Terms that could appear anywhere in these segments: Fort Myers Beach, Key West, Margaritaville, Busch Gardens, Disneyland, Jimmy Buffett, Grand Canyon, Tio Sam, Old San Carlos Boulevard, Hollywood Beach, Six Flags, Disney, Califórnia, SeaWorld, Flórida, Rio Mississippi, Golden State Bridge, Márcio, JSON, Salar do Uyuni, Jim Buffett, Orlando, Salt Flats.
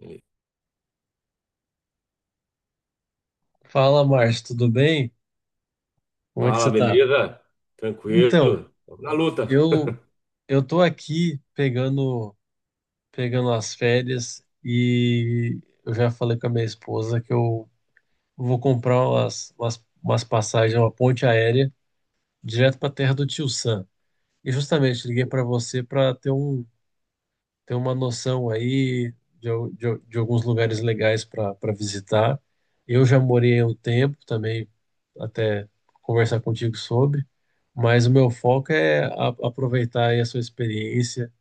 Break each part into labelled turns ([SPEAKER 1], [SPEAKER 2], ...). [SPEAKER 1] Ele,
[SPEAKER 2] Fala, Márcio, tudo bem? Como é que
[SPEAKER 1] Fala,
[SPEAKER 2] você tá?
[SPEAKER 1] beleza?
[SPEAKER 2] Então,
[SPEAKER 1] Tranquilo? Tamo na luta.
[SPEAKER 2] eu eu tô aqui pegando as férias e eu já falei com a minha esposa que eu vou comprar umas passagens, uma ponte aérea direto para a terra do Tio Sam. E justamente liguei para você para ter uma noção aí de alguns lugares legais para visitar. Eu já morei um tempo também, até conversar contigo sobre, mas o meu foco é a, aproveitar aí a sua experiência.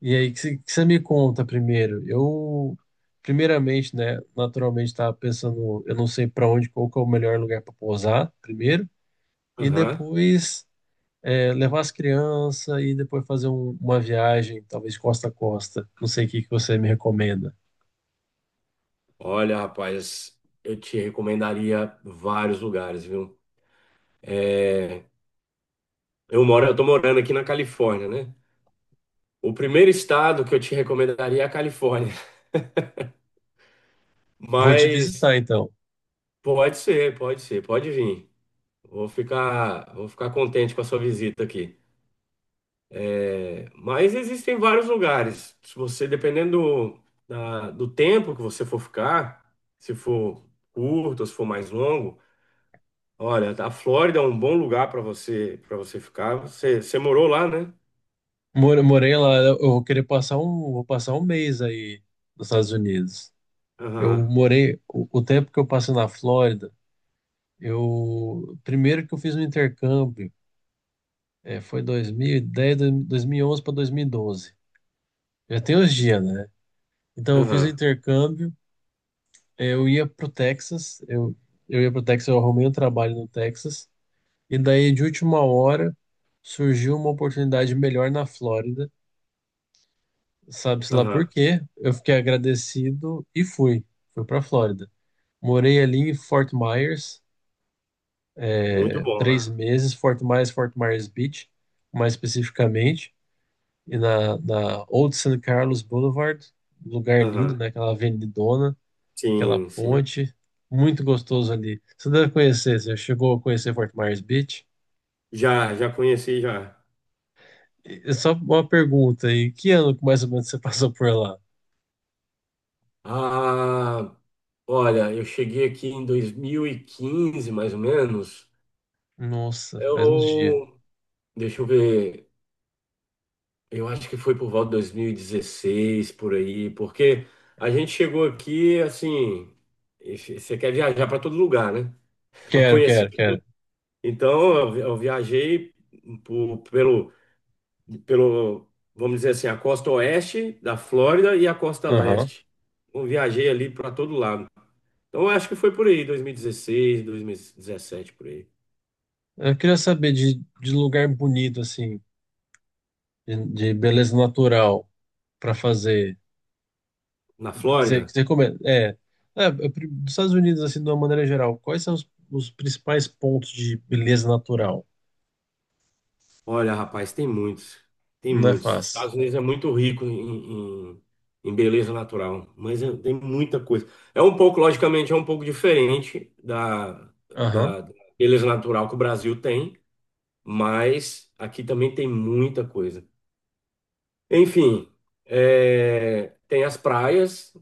[SPEAKER 2] E aí, que você me conta primeiro? Eu, primeiramente, né, naturalmente estava pensando, eu não sei para onde, qual que é o melhor lugar para pousar primeiro, e
[SPEAKER 1] Aham.
[SPEAKER 2] depois é, levar as crianças e depois fazer uma viagem, talvez costa a costa. Não sei o que que você me recomenda.
[SPEAKER 1] Olha, rapaz, eu te recomendaria vários lugares, viu? Eu tô morando aqui na Califórnia, né? O primeiro estado que eu te recomendaria é a Califórnia,
[SPEAKER 2] Vou te
[SPEAKER 1] mas
[SPEAKER 2] visitar então.
[SPEAKER 1] pode ser, pode ser, pode vir. Vou ficar contente com a sua visita aqui. É, mas existem vários lugares. Se você, dependendo do, do tempo que você for ficar, se for curto, se for mais longo, olha, a Flórida é um bom lugar para você ficar. Você morou lá, né?
[SPEAKER 2] Morei lá, eu vou querer passar um, vou passar um mês aí nos Estados Unidos. Eu
[SPEAKER 1] Aham,
[SPEAKER 2] morei o tempo que eu passei na Flórida. Eu, primeiro, que eu fiz um intercâmbio, foi 2010, 11 para 2012. Já tem uns dias, né? Então, eu fiz o
[SPEAKER 1] aham,
[SPEAKER 2] intercâmbio. eh, eu ia pro Texas, eu, eu ia pro Texas, eu arrumei um trabalho no Texas, e daí, de última hora, surgiu uma oportunidade melhor na Flórida, sabe-se lá por
[SPEAKER 1] aham.
[SPEAKER 2] quê? Eu fiquei agradecido e fui, pra Flórida. Morei ali em Fort Myers,
[SPEAKER 1] Muito bom
[SPEAKER 2] três
[SPEAKER 1] lá.
[SPEAKER 2] meses, Fort Myers, Fort Myers Beach, mais especificamente, e na Old San Carlos Boulevard. Um lugar lindo,
[SPEAKER 1] Aham.
[SPEAKER 2] né? Aquela avenidona, aquela
[SPEAKER 1] Sim, sim.
[SPEAKER 2] ponte, muito gostoso ali. Você deve conhecer, você chegou a conhecer Fort Myers Beach?
[SPEAKER 1] Já, já conheci já.
[SPEAKER 2] E só uma pergunta aí, que ano que mais ou menos você passou por lá?
[SPEAKER 1] Ah, olha, eu cheguei aqui em 2015 mais ou menos.
[SPEAKER 2] Nossa, faz uns dias.
[SPEAKER 1] Eu, deixa eu ver, eu acho que foi por volta de 2016 por aí, porque a gente chegou aqui assim, e você quer viajar para todo lugar, né? Para
[SPEAKER 2] Quero,
[SPEAKER 1] conhecer.
[SPEAKER 2] quero, quero.
[SPEAKER 1] Então, eu viajei por- pelo, pelo, vamos dizer assim, a costa oeste da Flórida e a costa
[SPEAKER 2] Aham.
[SPEAKER 1] leste. Eu viajei ali para todo lado. Então, eu acho que foi por aí, dois mil e dezesseis, 2017 por aí.
[SPEAKER 2] Eu queria saber de lugar bonito, assim, de beleza natural para fazer.
[SPEAKER 1] Na
[SPEAKER 2] Que
[SPEAKER 1] Flórida,
[SPEAKER 2] você recomenda? Eu dos Estados Unidos, assim, de uma maneira geral, quais são os principais pontos de beleza natural?
[SPEAKER 1] olha, rapaz, tem muitos. Tem
[SPEAKER 2] Não é
[SPEAKER 1] muitos. Os
[SPEAKER 2] fácil.
[SPEAKER 1] Estados Unidos é muito rico em beleza natural, mas tem muita coisa. É um pouco, logicamente, é um pouco diferente da,
[SPEAKER 2] Aham.
[SPEAKER 1] da beleza natural que o Brasil tem, mas aqui também tem muita coisa. Enfim, é, tem as praias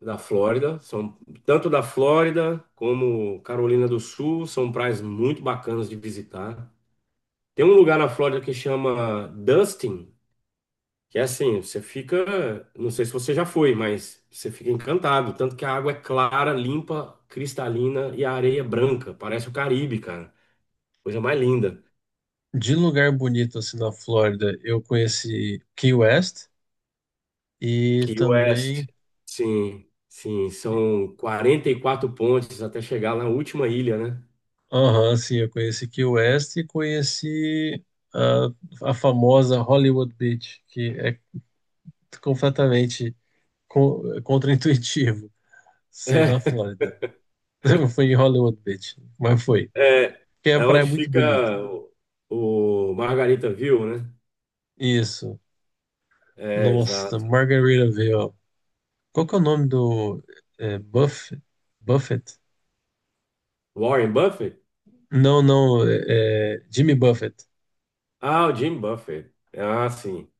[SPEAKER 1] da Flórida, são tanto da Flórida como Carolina do Sul, são praias muito bacanas de visitar. Tem um lugar na Flórida que chama Dustin, que é assim, você fica, não sei se você já foi, mas você fica encantado, tanto que a água é clara, limpa, cristalina e a areia é branca, parece o Caribe, cara. Coisa mais linda.
[SPEAKER 2] De lugar bonito, assim, na Flórida, eu conheci Key West e
[SPEAKER 1] Key West,
[SPEAKER 2] também...
[SPEAKER 1] sim, sim, são 44 pontes até chegar na última ilha, né?
[SPEAKER 2] Aham, sim, eu conheci Key West e conheci a famosa Hollywood Beach, que é completamente contraintuitivo ser na Flórida. Foi em Hollywood Beach, mas foi.
[SPEAKER 1] É, é,
[SPEAKER 2] Que é a
[SPEAKER 1] é
[SPEAKER 2] praia é
[SPEAKER 1] onde
[SPEAKER 2] muito
[SPEAKER 1] fica
[SPEAKER 2] bonita.
[SPEAKER 1] o Margarita View, né?
[SPEAKER 2] Isso.
[SPEAKER 1] É,
[SPEAKER 2] Nossa,
[SPEAKER 1] exato.
[SPEAKER 2] Margaritaville, ó. Qual que é o nome do é, Buff- Buffett?
[SPEAKER 1] Warren Buffett?
[SPEAKER 2] Não, não, é Jimmy Buffett.
[SPEAKER 1] Ah, o Jim Buffett. Ah, sim.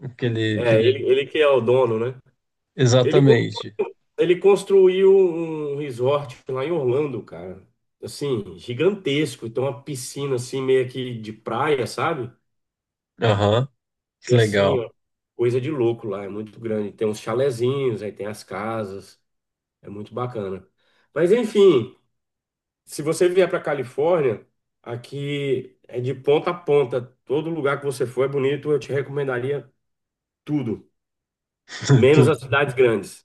[SPEAKER 2] Aquele,
[SPEAKER 1] É,
[SPEAKER 2] aquele...
[SPEAKER 1] ele que é o dono, né? Ele, con-
[SPEAKER 2] Exatamente.
[SPEAKER 1] ele construiu um resort lá em Orlando, cara. Assim, gigantesco. Então, uma piscina assim, meio que de praia, sabe?
[SPEAKER 2] Aham, que
[SPEAKER 1] E assim,
[SPEAKER 2] legal.
[SPEAKER 1] ó, coisa de louco lá, é muito grande. Tem uns chalezinhos, aí tem as casas, é muito bacana. Mas enfim, se você vier para Califórnia, aqui é de ponta a ponta. Todo lugar que você for é bonito, eu te recomendaria tudo, menos
[SPEAKER 2] Tudo.
[SPEAKER 1] as cidades grandes.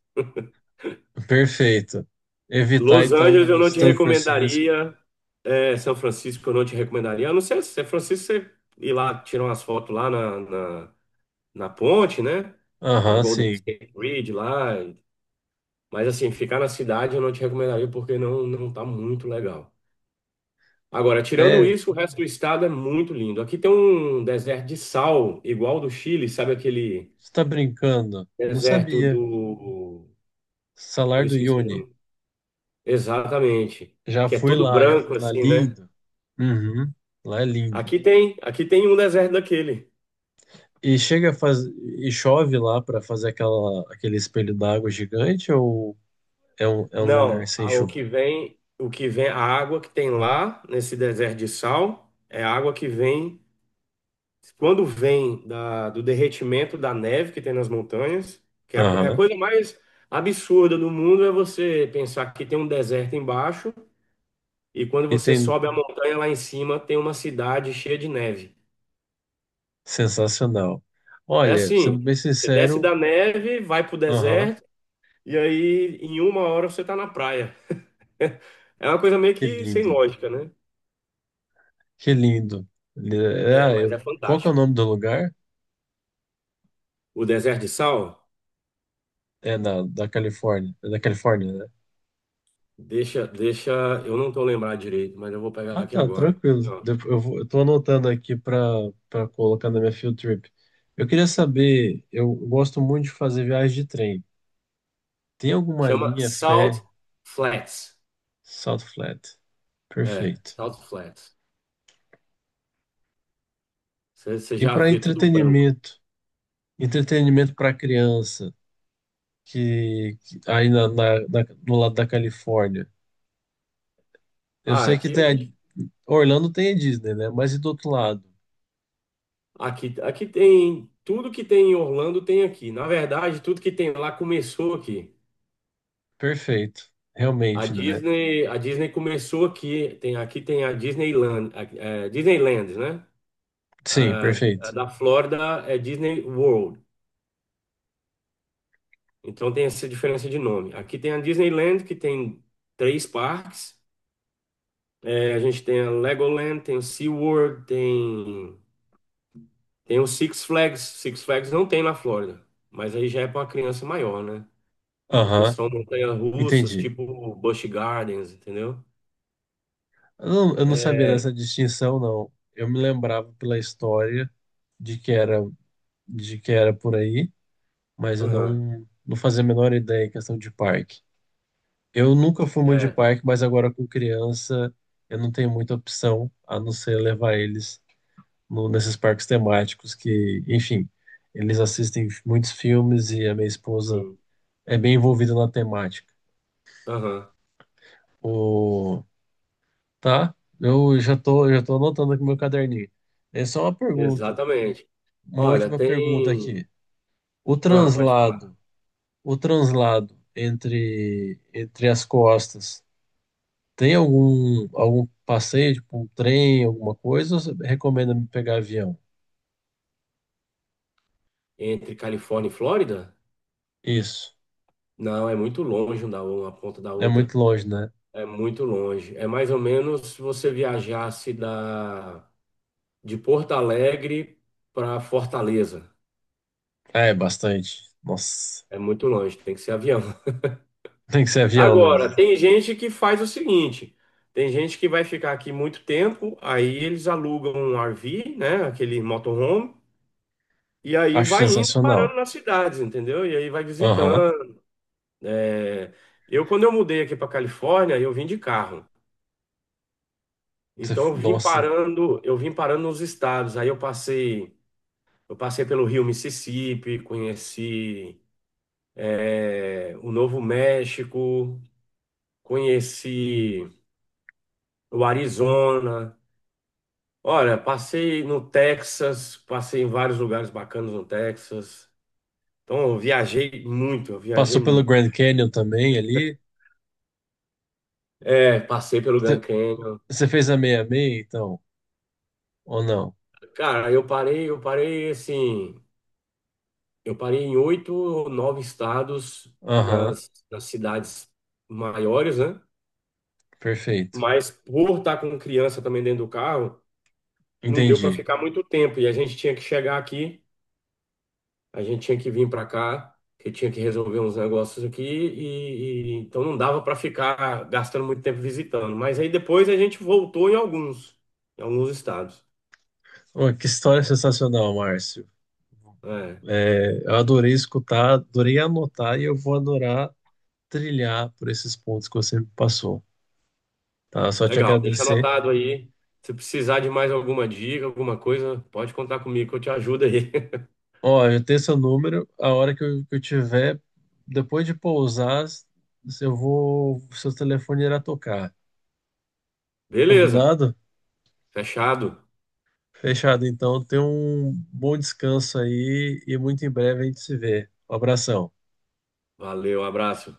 [SPEAKER 2] Perfeito. Evitar,
[SPEAKER 1] Los Angeles eu
[SPEAKER 2] então,
[SPEAKER 1] não te
[SPEAKER 2] São Francisco.
[SPEAKER 1] recomendaria, é, São Francisco eu não te recomendaria. A não ser se São Francisco você ir lá, tirar umas fotos lá na ponte, né? Na
[SPEAKER 2] Aham,
[SPEAKER 1] Golden
[SPEAKER 2] sim.
[SPEAKER 1] State Bridge lá. Mas assim, ficar na cidade eu não te recomendaria porque não tá muito legal. Agora, tirando
[SPEAKER 2] É,
[SPEAKER 1] isso, o resto do estado é muito lindo. Aqui tem um deserto de sal, igual do Chile, sabe aquele
[SPEAKER 2] você tá brincando. Não
[SPEAKER 1] deserto
[SPEAKER 2] sabia.
[SPEAKER 1] do...
[SPEAKER 2] Salar
[SPEAKER 1] Eu
[SPEAKER 2] do
[SPEAKER 1] esqueci o
[SPEAKER 2] Uyuni.
[SPEAKER 1] nome. Exatamente.
[SPEAKER 2] Já
[SPEAKER 1] Que é
[SPEAKER 2] fui
[SPEAKER 1] todo
[SPEAKER 2] lá, já fui
[SPEAKER 1] branco
[SPEAKER 2] lá.
[SPEAKER 1] assim, né?
[SPEAKER 2] Lindo. Uhum, lá é lindo.
[SPEAKER 1] Aqui tem um deserto daquele.
[SPEAKER 2] E chega a faz... e chove lá para fazer aquele espelho d'água gigante, ou é um lugar
[SPEAKER 1] Não,
[SPEAKER 2] sem chuva?
[SPEAKER 1] o que vem, a água que tem lá nesse deserto de sal é a água que vem quando vem do derretimento da neve que tem nas montanhas, que é é a
[SPEAKER 2] Aham.
[SPEAKER 1] coisa mais absurda do mundo é você pensar que tem um deserto embaixo e quando
[SPEAKER 2] E
[SPEAKER 1] você
[SPEAKER 2] tem
[SPEAKER 1] sobe a montanha lá em cima tem uma cidade cheia de neve.
[SPEAKER 2] Sensacional.
[SPEAKER 1] É
[SPEAKER 2] Olha,
[SPEAKER 1] assim,
[SPEAKER 2] sendo bem
[SPEAKER 1] você desce
[SPEAKER 2] sincero,
[SPEAKER 1] da neve, vai pro
[SPEAKER 2] aham,
[SPEAKER 1] deserto e aí em uma hora você tá na praia. É uma coisa meio
[SPEAKER 2] que
[SPEAKER 1] que sem
[SPEAKER 2] lindo.
[SPEAKER 1] lógica, né?
[SPEAKER 2] Que lindo.
[SPEAKER 1] É, mas é
[SPEAKER 2] Qual que é o
[SPEAKER 1] fantástico.
[SPEAKER 2] nome do lugar?
[SPEAKER 1] O deserto de sal,
[SPEAKER 2] Da Califórnia. É da Califórnia, né?
[SPEAKER 1] deixa, eu não tô lembrado direito, mas eu vou pegar
[SPEAKER 2] Ah,
[SPEAKER 1] aqui
[SPEAKER 2] tá,
[SPEAKER 1] agora.
[SPEAKER 2] tranquilo. Eu tô anotando aqui para colocar na minha field trip. Eu queria saber, eu gosto muito de fazer viagem de trem. Tem alguma
[SPEAKER 1] Chama
[SPEAKER 2] linha
[SPEAKER 1] Salt
[SPEAKER 2] fé?
[SPEAKER 1] Flats.
[SPEAKER 2] Salt Flat.
[SPEAKER 1] É,
[SPEAKER 2] Perfeito.
[SPEAKER 1] Salt Flats. Você
[SPEAKER 2] E
[SPEAKER 1] já
[SPEAKER 2] para
[SPEAKER 1] vê tudo branco.
[SPEAKER 2] entretenimento? Entretenimento para criança, aí no lado da Califórnia. Eu
[SPEAKER 1] Ah,
[SPEAKER 2] sei que Orlando tem a Disney, né? Mas e do outro lado?
[SPEAKER 1] aqui tem tudo que tem em Orlando tem aqui. Na verdade, tudo que tem lá começou aqui.
[SPEAKER 2] Perfeito. Realmente, né?
[SPEAKER 1] A Disney começou aqui. Tem aqui tem a Disneyland, Disneyland, né?
[SPEAKER 2] Sim,
[SPEAKER 1] A, a
[SPEAKER 2] perfeito.
[SPEAKER 1] da Flórida é Disney World. Então tem essa diferença de nome. Aqui tem a Disneyland que tem três parques. É, a gente tem a Legoland, tem o SeaWorld, tem o Six Flags. Six Flags não tem na Flórida, mas aí já é para uma criança maior, né? Porque
[SPEAKER 2] Aham,
[SPEAKER 1] são montanhas russas,
[SPEAKER 2] entendi.
[SPEAKER 1] tipo Busch Gardens, entendeu?
[SPEAKER 2] Eu não sabia dessa
[SPEAKER 1] É,
[SPEAKER 2] distinção, não. Eu me lembrava pela história de que era, de que era por aí, mas eu
[SPEAKER 1] aham,
[SPEAKER 2] não, não fazia a menor ideia em questão de parque. Eu nunca fui muito de
[SPEAKER 1] é,
[SPEAKER 2] parque, mas agora com criança eu não tenho muita opção a não ser levar eles nesses parques temáticos que, enfim, eles assistem muitos filmes e a minha esposa
[SPEAKER 1] sim,
[SPEAKER 2] é bem envolvida na temática.
[SPEAKER 1] aham,
[SPEAKER 2] O... Tá? Já tô anotando aqui no meu caderninho. É só uma pergunta,
[SPEAKER 1] exatamente.
[SPEAKER 2] uma
[SPEAKER 1] Olha,
[SPEAKER 2] última pergunta
[SPEAKER 1] tem.
[SPEAKER 2] aqui. O
[SPEAKER 1] Ah, pode falar.
[SPEAKER 2] translado, o translado entre as costas. Tem algum passeio, tipo um trem, alguma coisa? Ou você recomenda me pegar avião?
[SPEAKER 1] Entre Califórnia e Flórida?
[SPEAKER 2] Isso.
[SPEAKER 1] Não, é muito longe um da uma ponta da
[SPEAKER 2] É muito
[SPEAKER 1] outra.
[SPEAKER 2] longe, né?
[SPEAKER 1] É muito longe. É mais ou menos se você viajasse da de Porto Alegre para Fortaleza.
[SPEAKER 2] É, bastante. Nossa.
[SPEAKER 1] É muito longe, tem que ser avião.
[SPEAKER 2] Tem que ser avião mesmo.
[SPEAKER 1] Agora, tem gente que faz o seguinte: tem gente que vai ficar aqui muito tempo, aí eles alugam um RV, né? Aquele motorhome, e aí
[SPEAKER 2] Acho
[SPEAKER 1] vai indo
[SPEAKER 2] sensacional.
[SPEAKER 1] parando nas cidades, entendeu? E aí vai
[SPEAKER 2] Aham.
[SPEAKER 1] visitando. É, quando eu mudei aqui para Califórnia, eu vim de carro. Então eu vim
[SPEAKER 2] Nossa.
[SPEAKER 1] parando, eu vim parando nos estados. Aí eu passei pelo Rio Mississippi, conheci, é, o Novo México, conheci o Arizona. Olha, passei no Texas, passei em vários lugares bacanas no Texas. Então, eu viajei muito, eu viajei
[SPEAKER 2] Passou pelo
[SPEAKER 1] muito.
[SPEAKER 2] Grand Canyon também ali.
[SPEAKER 1] É, passei pelo Grand
[SPEAKER 2] Você
[SPEAKER 1] Canyon.
[SPEAKER 2] Você fez a meia-meia, então? Ou não?
[SPEAKER 1] Cara, eu parei assim, eu parei em oito ou nove estados
[SPEAKER 2] Aham.
[SPEAKER 1] nas cidades maiores, né?
[SPEAKER 2] Perfeito.
[SPEAKER 1] Mas por estar com criança também dentro do carro, não deu para
[SPEAKER 2] Entendi.
[SPEAKER 1] ficar muito tempo e a gente tinha que chegar aqui. A gente tinha que vir para cá, que tinha que resolver uns negócios aqui, então não dava para ficar gastando muito tempo visitando. Mas aí depois a gente voltou em alguns, estados.
[SPEAKER 2] Ô, que história sensacional, Márcio.
[SPEAKER 1] É,
[SPEAKER 2] É, eu adorei escutar, adorei anotar e eu vou adorar, trilhar por esses pontos que você me passou, tá? Só te
[SPEAKER 1] legal, deixa
[SPEAKER 2] agradecer.
[SPEAKER 1] anotado aí. Se precisar de mais alguma dica, alguma coisa, pode contar comigo que eu te ajudo aí.
[SPEAKER 2] Ó, eu tenho seu número, a hora que eu tiver, depois de pousar, se eu vou, seu telefone irá tocar.
[SPEAKER 1] Beleza,
[SPEAKER 2] Combinado?
[SPEAKER 1] fechado.
[SPEAKER 2] Fechado, então. Tenha um bom descanso aí e muito em breve a gente se vê. Um abração.
[SPEAKER 1] Valeu, abraço.